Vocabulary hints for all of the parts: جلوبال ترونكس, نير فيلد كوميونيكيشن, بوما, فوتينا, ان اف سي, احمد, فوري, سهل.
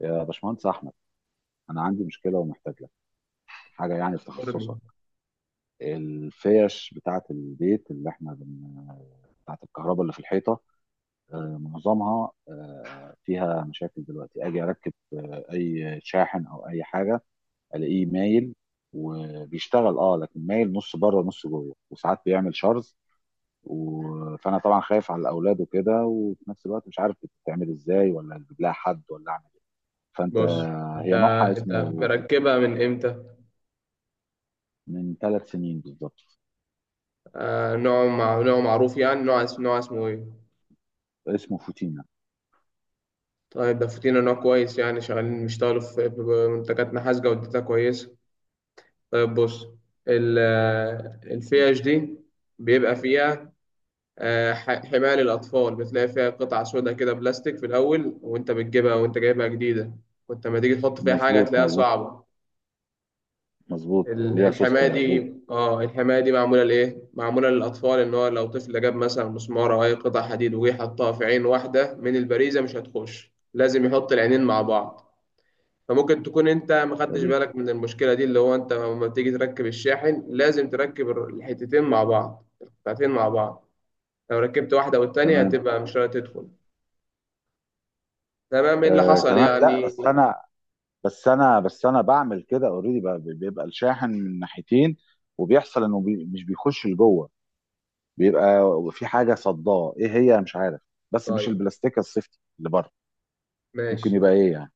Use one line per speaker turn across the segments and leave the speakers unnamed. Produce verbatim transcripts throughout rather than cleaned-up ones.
يا باشمهندس احمد، انا عندي مشكله ومحتاج لك حاجه يعني في تخصصك.
قرني،
الفيش بتاعه البيت اللي احنا بن... بتاعه الكهرباء اللي في الحيطه، آه، معظمها آه، فيها مشاكل. دلوقتي اجي اركب اي شاحن او اي حاجه الاقيه مايل وبيشتغل، اه لكن مايل نص بره ونص جوه وساعات بيعمل شرز و... فانا طبعا خايف على الاولاد وكده، وفي نفس الوقت مش عارف بتتعمل ازاي، ولا اجيب لها حد ولا اعمل ايه. فانت
بص. انت
هي نوعها
انت
اسمه.
مركبها من امتى؟
من ثلاث سنين بالظبط.
آه نوع مع... نوع معروف، يعني نوع اسم... نوع اسمه ايه؟
اسمه فوتينا.
طيب، ده فوتينا نوع كويس، يعني شغالين بيشتغلوا في ب- ب- منتجات نحاس جودتها كويسة. طيب، بص. ال... آه، الفيش دي بيبقى فيها آه، ح- حماية للأطفال، بتلاقي فيها قطعة سودا كده بلاستيك في الأول وأنت بتجيبها وأنت جايبها جديدة، وأنت لما تيجي تحط فيها حاجة
مظبوط،
هتلاقيها
مظبوط،
صعبة.
مظبوط.
ال-
ليا سوسته،
الحماية
مظبوط،
دي اه الحماية دي معمولة لإيه؟ معمولة للأطفال، إن هو لو طفل جاب مثلا مسمار أو أي قطع حديد وجه حطها في عين واحدة من البريزة مش هتخش، لازم يحط العينين مع بعض، فممكن تكون أنت ما خدتش
سليم،
بالك من المشكلة دي، اللي هو أنت لما تيجي تركب الشاحن لازم تركب الر- الحتتين مع بعض، القطعتين مع بعض، لو ركبت واحدة والتانية
تمام.
هتبقى مش راضية تدخل. تمام؟ إيه اللي
آه،
حصل
تمام، لا،
يعني؟
بس انا بس انا بس انا بعمل كده اوريدي، بيبقى الشاحن من ناحيتين، وبيحصل انه بي مش بيخش لجوه، بيبقى في حاجه صداه، ايه هي مش عارف، بس مش
طيب،
البلاستيك السيفتي اللي بره. ممكن
ماشي.
يبقى ايه يعني؟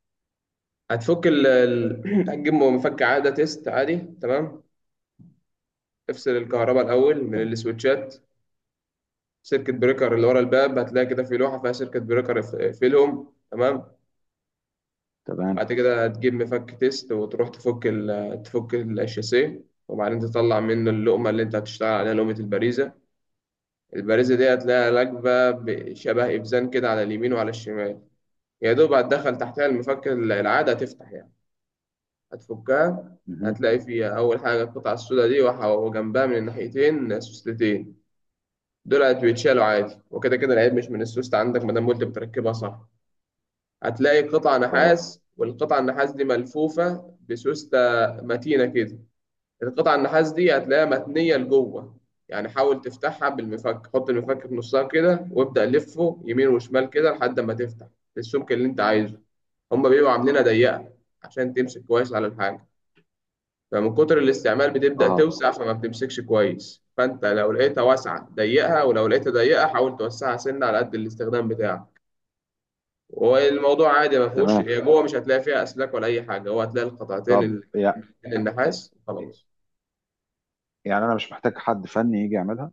هتفك ال ال- هتجيب مفك عادة تيست عادي، تمام؟ افصل الكهرباء الاول من
تم-
السويتشات. سيركت بريكر اللي ورا الباب، هتلاقي كده في لوحه فيها سيركت بريكر، اف- اقفلهم، تمام.
تمام.
وبعد كده هتجيب مفك تيست وتروح تفك ال تفك الشاسيه، وبعدين تطلع منه اللقمه اللي انت هتشتغل عليها، لقمه البريزه. البريزه دي هتلاقيها راكبه بشبه ابزان كده على اليمين وعلى الشمال. يا دوب هتدخل تحتها المفك العاده، هتفتح يعني، هتفكها.
مهم.
هتلاقي فيها أول حاجة القطعة السوداء دي، وح- وجنبها من الناحيتين سوستتين، دولت بيتشالوا عادي، وكده كده العيب مش من السوست عندك ما دام قلت بتركبها صح. هتلاقي قطع
اه،
نحاس، والقطع النحاس دي ملفوفة بسوستة متينة كده. القطع النحاس دي هتلاقيها متنية لجوه، يعني حاول تفتحها بالمفك، حط المفك في نصها كده وابدأ لفه يمين وشمال كده لحد ما تفتح السمك اللي انت عايزه. هما بيبقوا عاملينها ضيقة عشان تمسك كويس على الحاجة، فمن كتر الاستعمال بتبدأ
اه،
توسع فما بتمسكش كويس، فأنت لو لقيتها واسعة ضيقها، ولو لقيتها ضيقة حاول توسعها، سنة على قد الاستخدام بتاعك. والموضوع عادي، ما فيهوش،
تمام.
هي جوه مش هتلاقي فيها أسلاك ولا أي حاجة، هو هتلاقي القطعتين
طب
ال-
يا
النحاس خلاص.
يعني انا مش محتاج حد فني يجي يعملها؟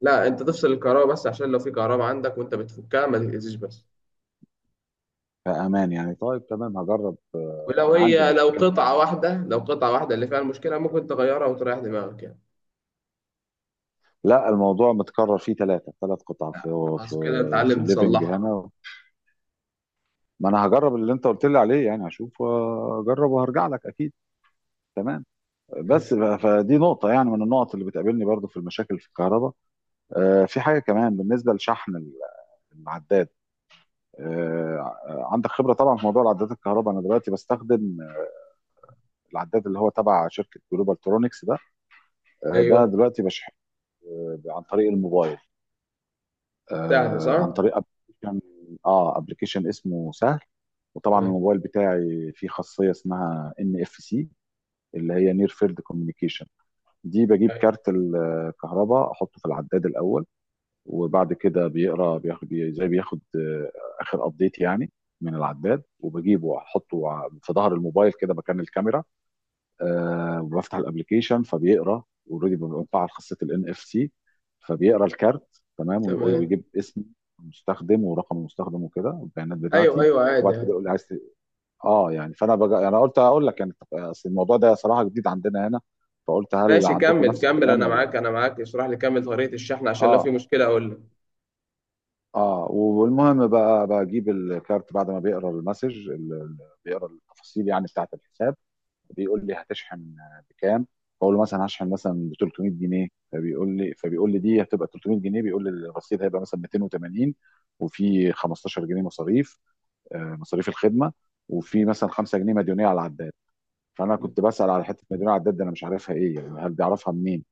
لا، أنت تفصل الكهرباء بس عشان لو في كهرباء عندك وأنت بتفكها ما تتأذيش بس.
في امان يعني؟ طيب، تمام، هجرب.
ولو
انا عندي
هي، لو
مفكات يعني.
قطعة واحدة لو قطعة واحدة اللي فيها المشكلة، ممكن تغيرها وتريح دماغك يعني.
لا، الموضوع متكرر، فيه ثلاثه ثلاث قطع في في
خلاص كده
في
تتعلم
الليفنج
تصلحها بقى.
هنا. ما انا هجرب اللي انت قلت لي عليه، يعني هشوف واجرب وهرجع لك اكيد. تمام. بس
ماشي.
ف- فدي نقطه يعني، من النقط اللي بتقابلني برضو في المشاكل في الكهرباء. آه، في حاجه كمان بالنسبه لشحن ال- العداد. آه، عندك خبره طبعا في موضوع العدادات الكهرباء. انا دلوقتي بستخدم العداد اللي هو تبع شركه جلوبال ترونكس ده. آه، ده
أيوه،
دلوقتي بشحن آه، عن طريق الموبايل،
سهل
آه
صح؟
عن طريق ابلكيشن. اه ابلكيشن اسمه سهل. وطبعا
ماشي.
الموبايل بتاعي فيه خاصيه اسمها ان اف سي، اللي هي نير فيلد كوميونيكيشن. دي بجيب
أيوة.
كارت الكهرباء احطه في العداد الاول، وبعد كده بيقرا بياخد بي- زي بياخد آه، اخر ابديت يعني من العداد، وبجيبه واحطه ع- في ظهر الموبايل كده مكان الكاميرا. آه بفتح الابلكيشن فبيقرا اوريدي، بنفعل خاصيه الان اف سي، فبيقرا الكارت تمام، ويقول
تمام.
ويجيب اسم المستخدم ورقم المستخدم وكده والبيانات
ايوه،
بتاعتي.
ايوه، عادي
وبعد كده
عادي.
يقول لي عايز ت- اه يعني، فانا بجا... انا قلت هقول لك يعني، اصل الموضوع ده صراحه جديد عندنا هنا، فقلت هل
ماشي،
عندكم
كمل
نفس
كمل،
الكلام
انا
ولا.
معاك، انا معاك، اشرح لي، كمل طريقة الشحن عشان لو في
اه
مشكلة اقول لك.
اه والمهم بقى بجيب الكارت بعد ما بيقرا المسج، ال- ال- بيقرا التفاصيل يعني بتاعت الحساب، بيقول لي هتشحن بكام. بقول له مثلا هشحن مثلا ب تلت ميه جنيه، فبيقول لي فبيقول لي دي هتبقى تلت ميه جنيه، بيقول لي الرصيد هيبقى مثلا ميتين وتمانين، وفي خمسة عشر جنيه مصاريف آه، مصاريف الخدمه، وفي مثلا خمسة جنيه مديونيه على العداد. فانا كنت بسال على حته مديونيه على العداد دي، انا مش عارفها ايه يعني، هل بيعرفها منين؟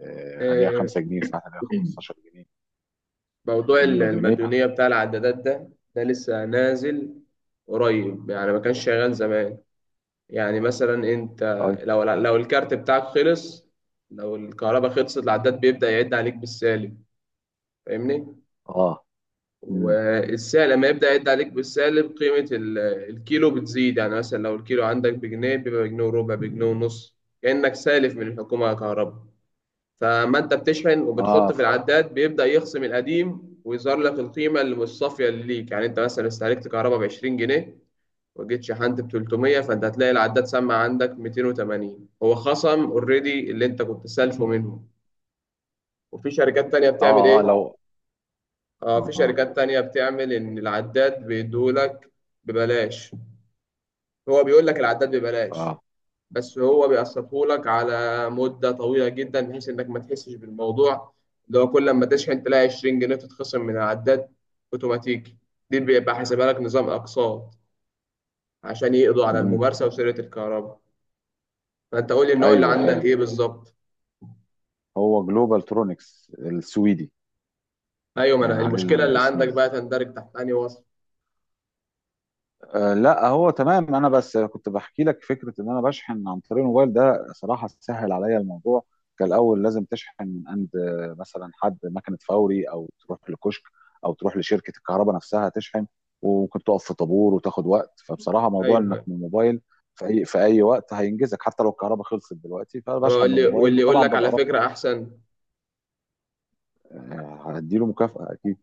آه، عليها
آه،
خمسة جنيه، ساعات عليها خمسة عشر جنيه.
موضوع
يقول لي
ال-
مديونيه.
المديونية بتاع العدادات ده ده لسه نازل، قريب يعني، ما كانش شغال زمان. يعني مثلا انت،
طيب.
لو لو الكارت بتاعك خلص، لو الكهرباء خلصت العداد بيبدأ يعد عليك بالسالب، فاهمني؟
اه. امم.
والسعر لما يبدأ يعد عليك بالسالب، قيمة ال- الكيلو بتزيد، يعني مثلا لو الكيلو عندك بجنيه، بيبقى بجنيه وربع، بجنيه ونص. كأنك سالف من الحكومة على كهرباء، فما انت بتشحن وبتحط
اه.
في العداد بيبدأ يخصم القديم، ويظهر لك القيمة اللي مش صافية اللي ليك. يعني انت مثلا استهلكت كهرباء ب عشرين جنيه، وجيت شحنت ب تلتمية، فانت هتلاقي العداد سمع عندك ميتين وتمانين، هو خصم اوريدي اللي انت كنت سالفه منهم. وفي شركات تانية بتعمل
اه، اه،
ايه؟
لو
اه، في
اه،
شركات تانية بتعمل ان العداد بيدولك ببلاش، هو بيقول لك العداد ببلاش،
اه،
بس هو بيقسطهولك على مدة طويلة جدا بحيث انك ما تحسش بالموضوع، اللي هو كل ما تشحن تلاقي عشرين جنيه تتخصم من العداد اوتوماتيكي. دي بيبقى حاسبها لك نظام اقساط، عشان يقضوا على
مهم.
الممارسة وسرقة الكهرباء. فانت قول لي النوع اللي
ايوه،
عندك ايه
ايوه،
بالظبط.
هو جلوبال ترونكس السويدي،
ايوه، ما انا
يعني عليه
المشكلة اللي عندك
الاسمين.
بقى تندرج تحت انهي وصف.
أه لا، هو تمام، انا بس كنت بحكي لك فكره ان انا بشحن عن طريق الموبايل ده، صراحه سهل عليا الموضوع. كان الاول لازم تشحن من عند آه، مثلا حد مكنه فوري، او تروح لكشك، او تروح لشركه الكهرباء نفسها تشحن، وممكن تقف في طابور وتاخد وقت. فبصراحه موضوع
ايوه،
انك
أيوة.
من الموبايل في اي في اي وقت هينجزك، حتى لو الكهرباء خلصت دلوقتي
أبقى
فبشحن
أقول
من
لي
الموبايل،
واللي يقول
وطبعا
لك على
ببقى رافع.
فكرة احسن.
آه، هديله مكافاه اكيد.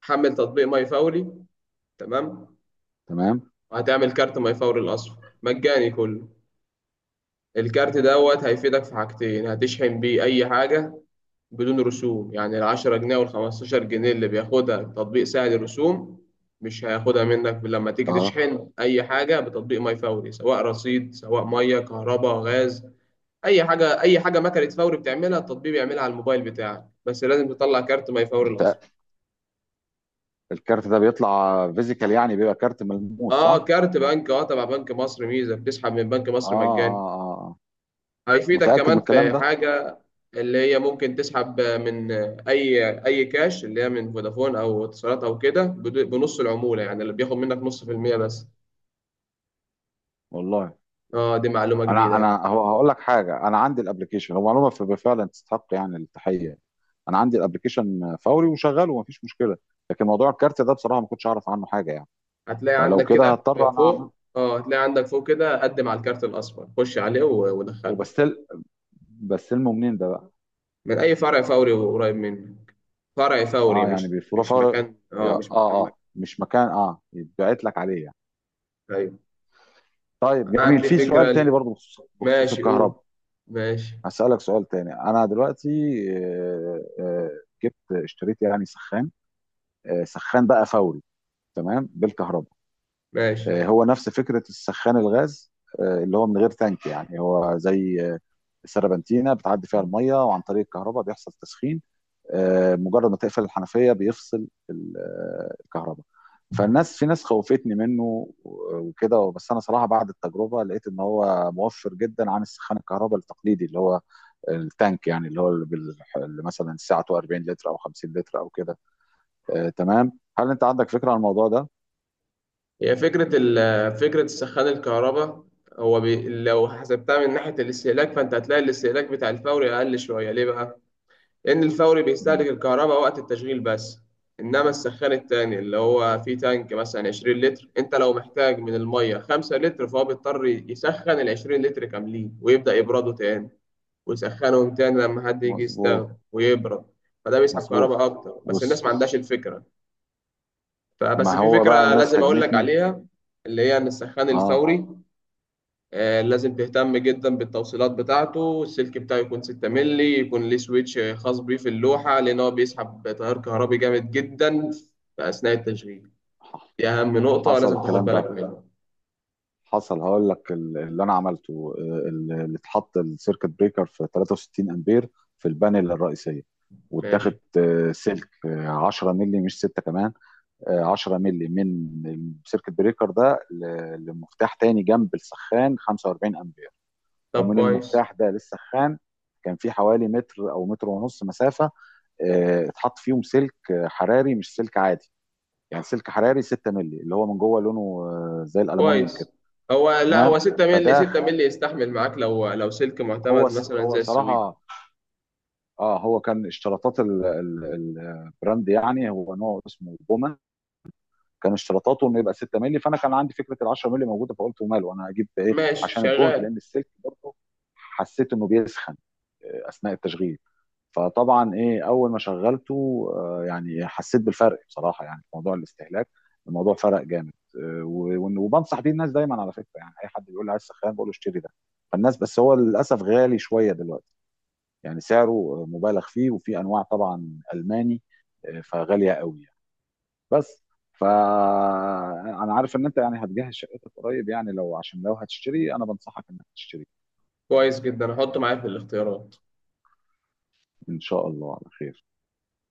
حمل تطبيق ماي فوري، تمام.
تمام.
وهتعمل كارت ما يفور الأصفر، مجاني كله. الكارت دوت هيفيدك في حاجتين، هتشحن بيه أي حاجة بدون رسوم، يعني العشرة جنيه والخمستاشر جنيه اللي بياخدها تطبيق سهل، الرسوم مش هياخدها منك لما تيجي
اه
تشحن أي حاجة بتطبيق ماي فوري، سواء رصيد سواء مية كهرباء غاز، أي حاجة، أي حاجة مكنة فوري بتعملها التطبيق بيعملها على الموبايل بتاعك، بس لازم تطلع كارت ماي فوري الأصفر.
الكارت ده بيطلع فيزيكال، يعني بيبقى كارت ملموس
اه،
صح؟
كارت بنك، اه تبع بنك مصر ميزة، بتسحب من بنك
اه،
مصر مجاني.
اه، اه. آه.
هيفيدك
متأكد من
كمان
الكلام
في
ده؟
حاجة، اللي هي ممكن تسحب من أي أي كاش، اللي هي من فودافون أو اتصالات أو كده، بدو- بنص العمولة، يعني اللي بياخد منك نص في المية بس.
والله.
اه، دي معلومة جديدة
انا
يعني.
انا هو- هقول لك حاجه، انا عندي الابلكيشن، هو معلومه ف- فعلا تستحق يعني التحيه. انا عندي الابلكيشن فوري وشغال ومفيش مشكله، لكن موضوع الكارت ده بصراحه ما كنتش اعرف عنه حاجه يعني.
هتلاقي
فلو
عندك
كده
كده
هضطر انا اعمل.
فوق، اه هتلاقي عندك فوق كده قدم على الكارت الأصفر، خش عليه، و- ودخله،
وبستل بستلمه منين ده بقى؟
من أي فرع فوري قريب منك. فرع فوري،
اه يعني
مش
بيفرو
مش
فوري.
مكان،
يا-
اه
اه
مش مكان مكان.
اه مش مكان، اه يتبعت لك عليه يعني.
أيوة.
طيب جميل،
عندي
في سؤال
فكرة
تاني
ليك.
برضه بخصوص بخصوص
ماشي، قول.
الكهرباء.
ماشي،
هسألك سؤال تاني. أنا دلوقتي آه، آه، جبت اشتريت يعني سخان، آه، سخان بقى فوري، تمام، بالكهرباء.
ماشي.
آه، هو نفس فكرة السخان الغاز، آه، اللي هو من غير تانك يعني، هو زي آه، سربنتينة بتعدي فيها المية، وعن طريق الكهرباء بيحصل تسخين. آه، مجرد ما تقفل الحنفيه بيفصل الكهرباء. فالناس في ناس خوفتني منه وكده، بس انا صراحه بعد التجربه لقيت ان هو موفر جدا عن السخان الكهرباء التقليدي، اللي هو التانك يعني، اللي هو اللي, بال... اللي مثلا الساعه اربعين لتر او خمسين لتر او كده. آه تمام. هل انت عندك فكره عن الموضوع ده؟
هي فكرة ال- فكرة سخان الكهرباء، هو بي لو حسبتها من ناحية الاستهلاك فأنت هتلاقي الاستهلاك بتاع الفوري أقل شوية. ليه بقى؟ لأن الفوري بيستهلك
مم.
الكهرباء وقت التشغيل بس، إنما السخان التاني اللي هو فيه تانك مثلا عشرين لتر، أنت لو محتاج من المية خمسة لتر، فهو بيضطر يسخن ال عشرين لتر كاملين، ويبدأ يبردوا تاني ويسخنهم تاني لما حد يجي
مظبوط،
يستخدم ويبرد. فده بيسحب
مظبوط.
كهرباء أكتر، بس الناس ما
بص،
عندهاش الفكرة. فبس
ما
في
هو بقى
فكرة
الناس
لازم أقول لك
هاجمتني.
عليها، اللي هي إن السخان
اه.
الفوري آه، لازم تهتم جدا بالتوصيلات بتاعته. السلك بتاعه يكون ستة مللي، يكون ليه سويتش خاص بيه في اللوحة، لأن هو بيسحب تيار كهربي جامد جدا في أثناء التشغيل. دي أهم نقطة
حصل
لازم تاخد
الكلام ده،
بالك منها.
حصل هقول لك ال- اللي انا عملته، آه، ال- اللي اتحط السيركت بريكر في تلاتة وستين امبير في البانل الرئيسيه،
ماشي.
واتاخد آه، سلك آه، عشرة مللي مش ستة كمان، آه، عشرة مللي من السيركت بريكر ده ل- لمفتاح تاني جنب السخان خمسة واربعين امبير،
طب
ومن
كويس.
المفتاح ده للسخان كان في حوالي متر او متر ونص مسافه. آه، اتحط فيهم سلك آه، حراري مش سلك عادي، يعني سلك حراري ستة مللي، اللي هو من جوه لونه آه، زي الالومنيوم
كويس.
كده.
هو، لا
تمام.
هو ستة مللي،
فده
ستة مللي يستحمل معاك، لو لو سلك
هو
معتمد مثلا
هو
زي السويد.
صراحه، اه هو كان اشتراطات ال- ال- البراند، يعني هو نوع اسمه بوما. كان اشتراطاته انه يبقى ستة مللي، فانا كان عندي فكره ال عشرة مللي موجوده، فقلت وماله، انا هجيب ايه
ماشي
عشان الجهد؟
شغال.
لان السلك برضه حسيت انه بيسخن آه، اثناء التشغيل. فطبعا ايه اول ما شغلته آه، يعني حسيت بالفرق بصراحه، يعني في موضوع الاستهلاك الموضوع فرق جامد، آه، و- وإن- وبنصح بيه الناس دايما على فكره، يعني اي حد بيقول لي عايز سخان بقول له اشتري ده. فالناس، بس هو للاسف غالي شويه دلوقتي، يعني سعره مبالغ فيه، وفي انواع طبعا الماني آه، فغاليه قوي يعني. بس فانا عارف ان انت يعني هتجهز شقتك قريب، يعني لو عشان لو هتشتري انا بنصحك انك تشتري.
كويس جدا، هحطه معايا في الاختيارات.
ان شاء الله على خير.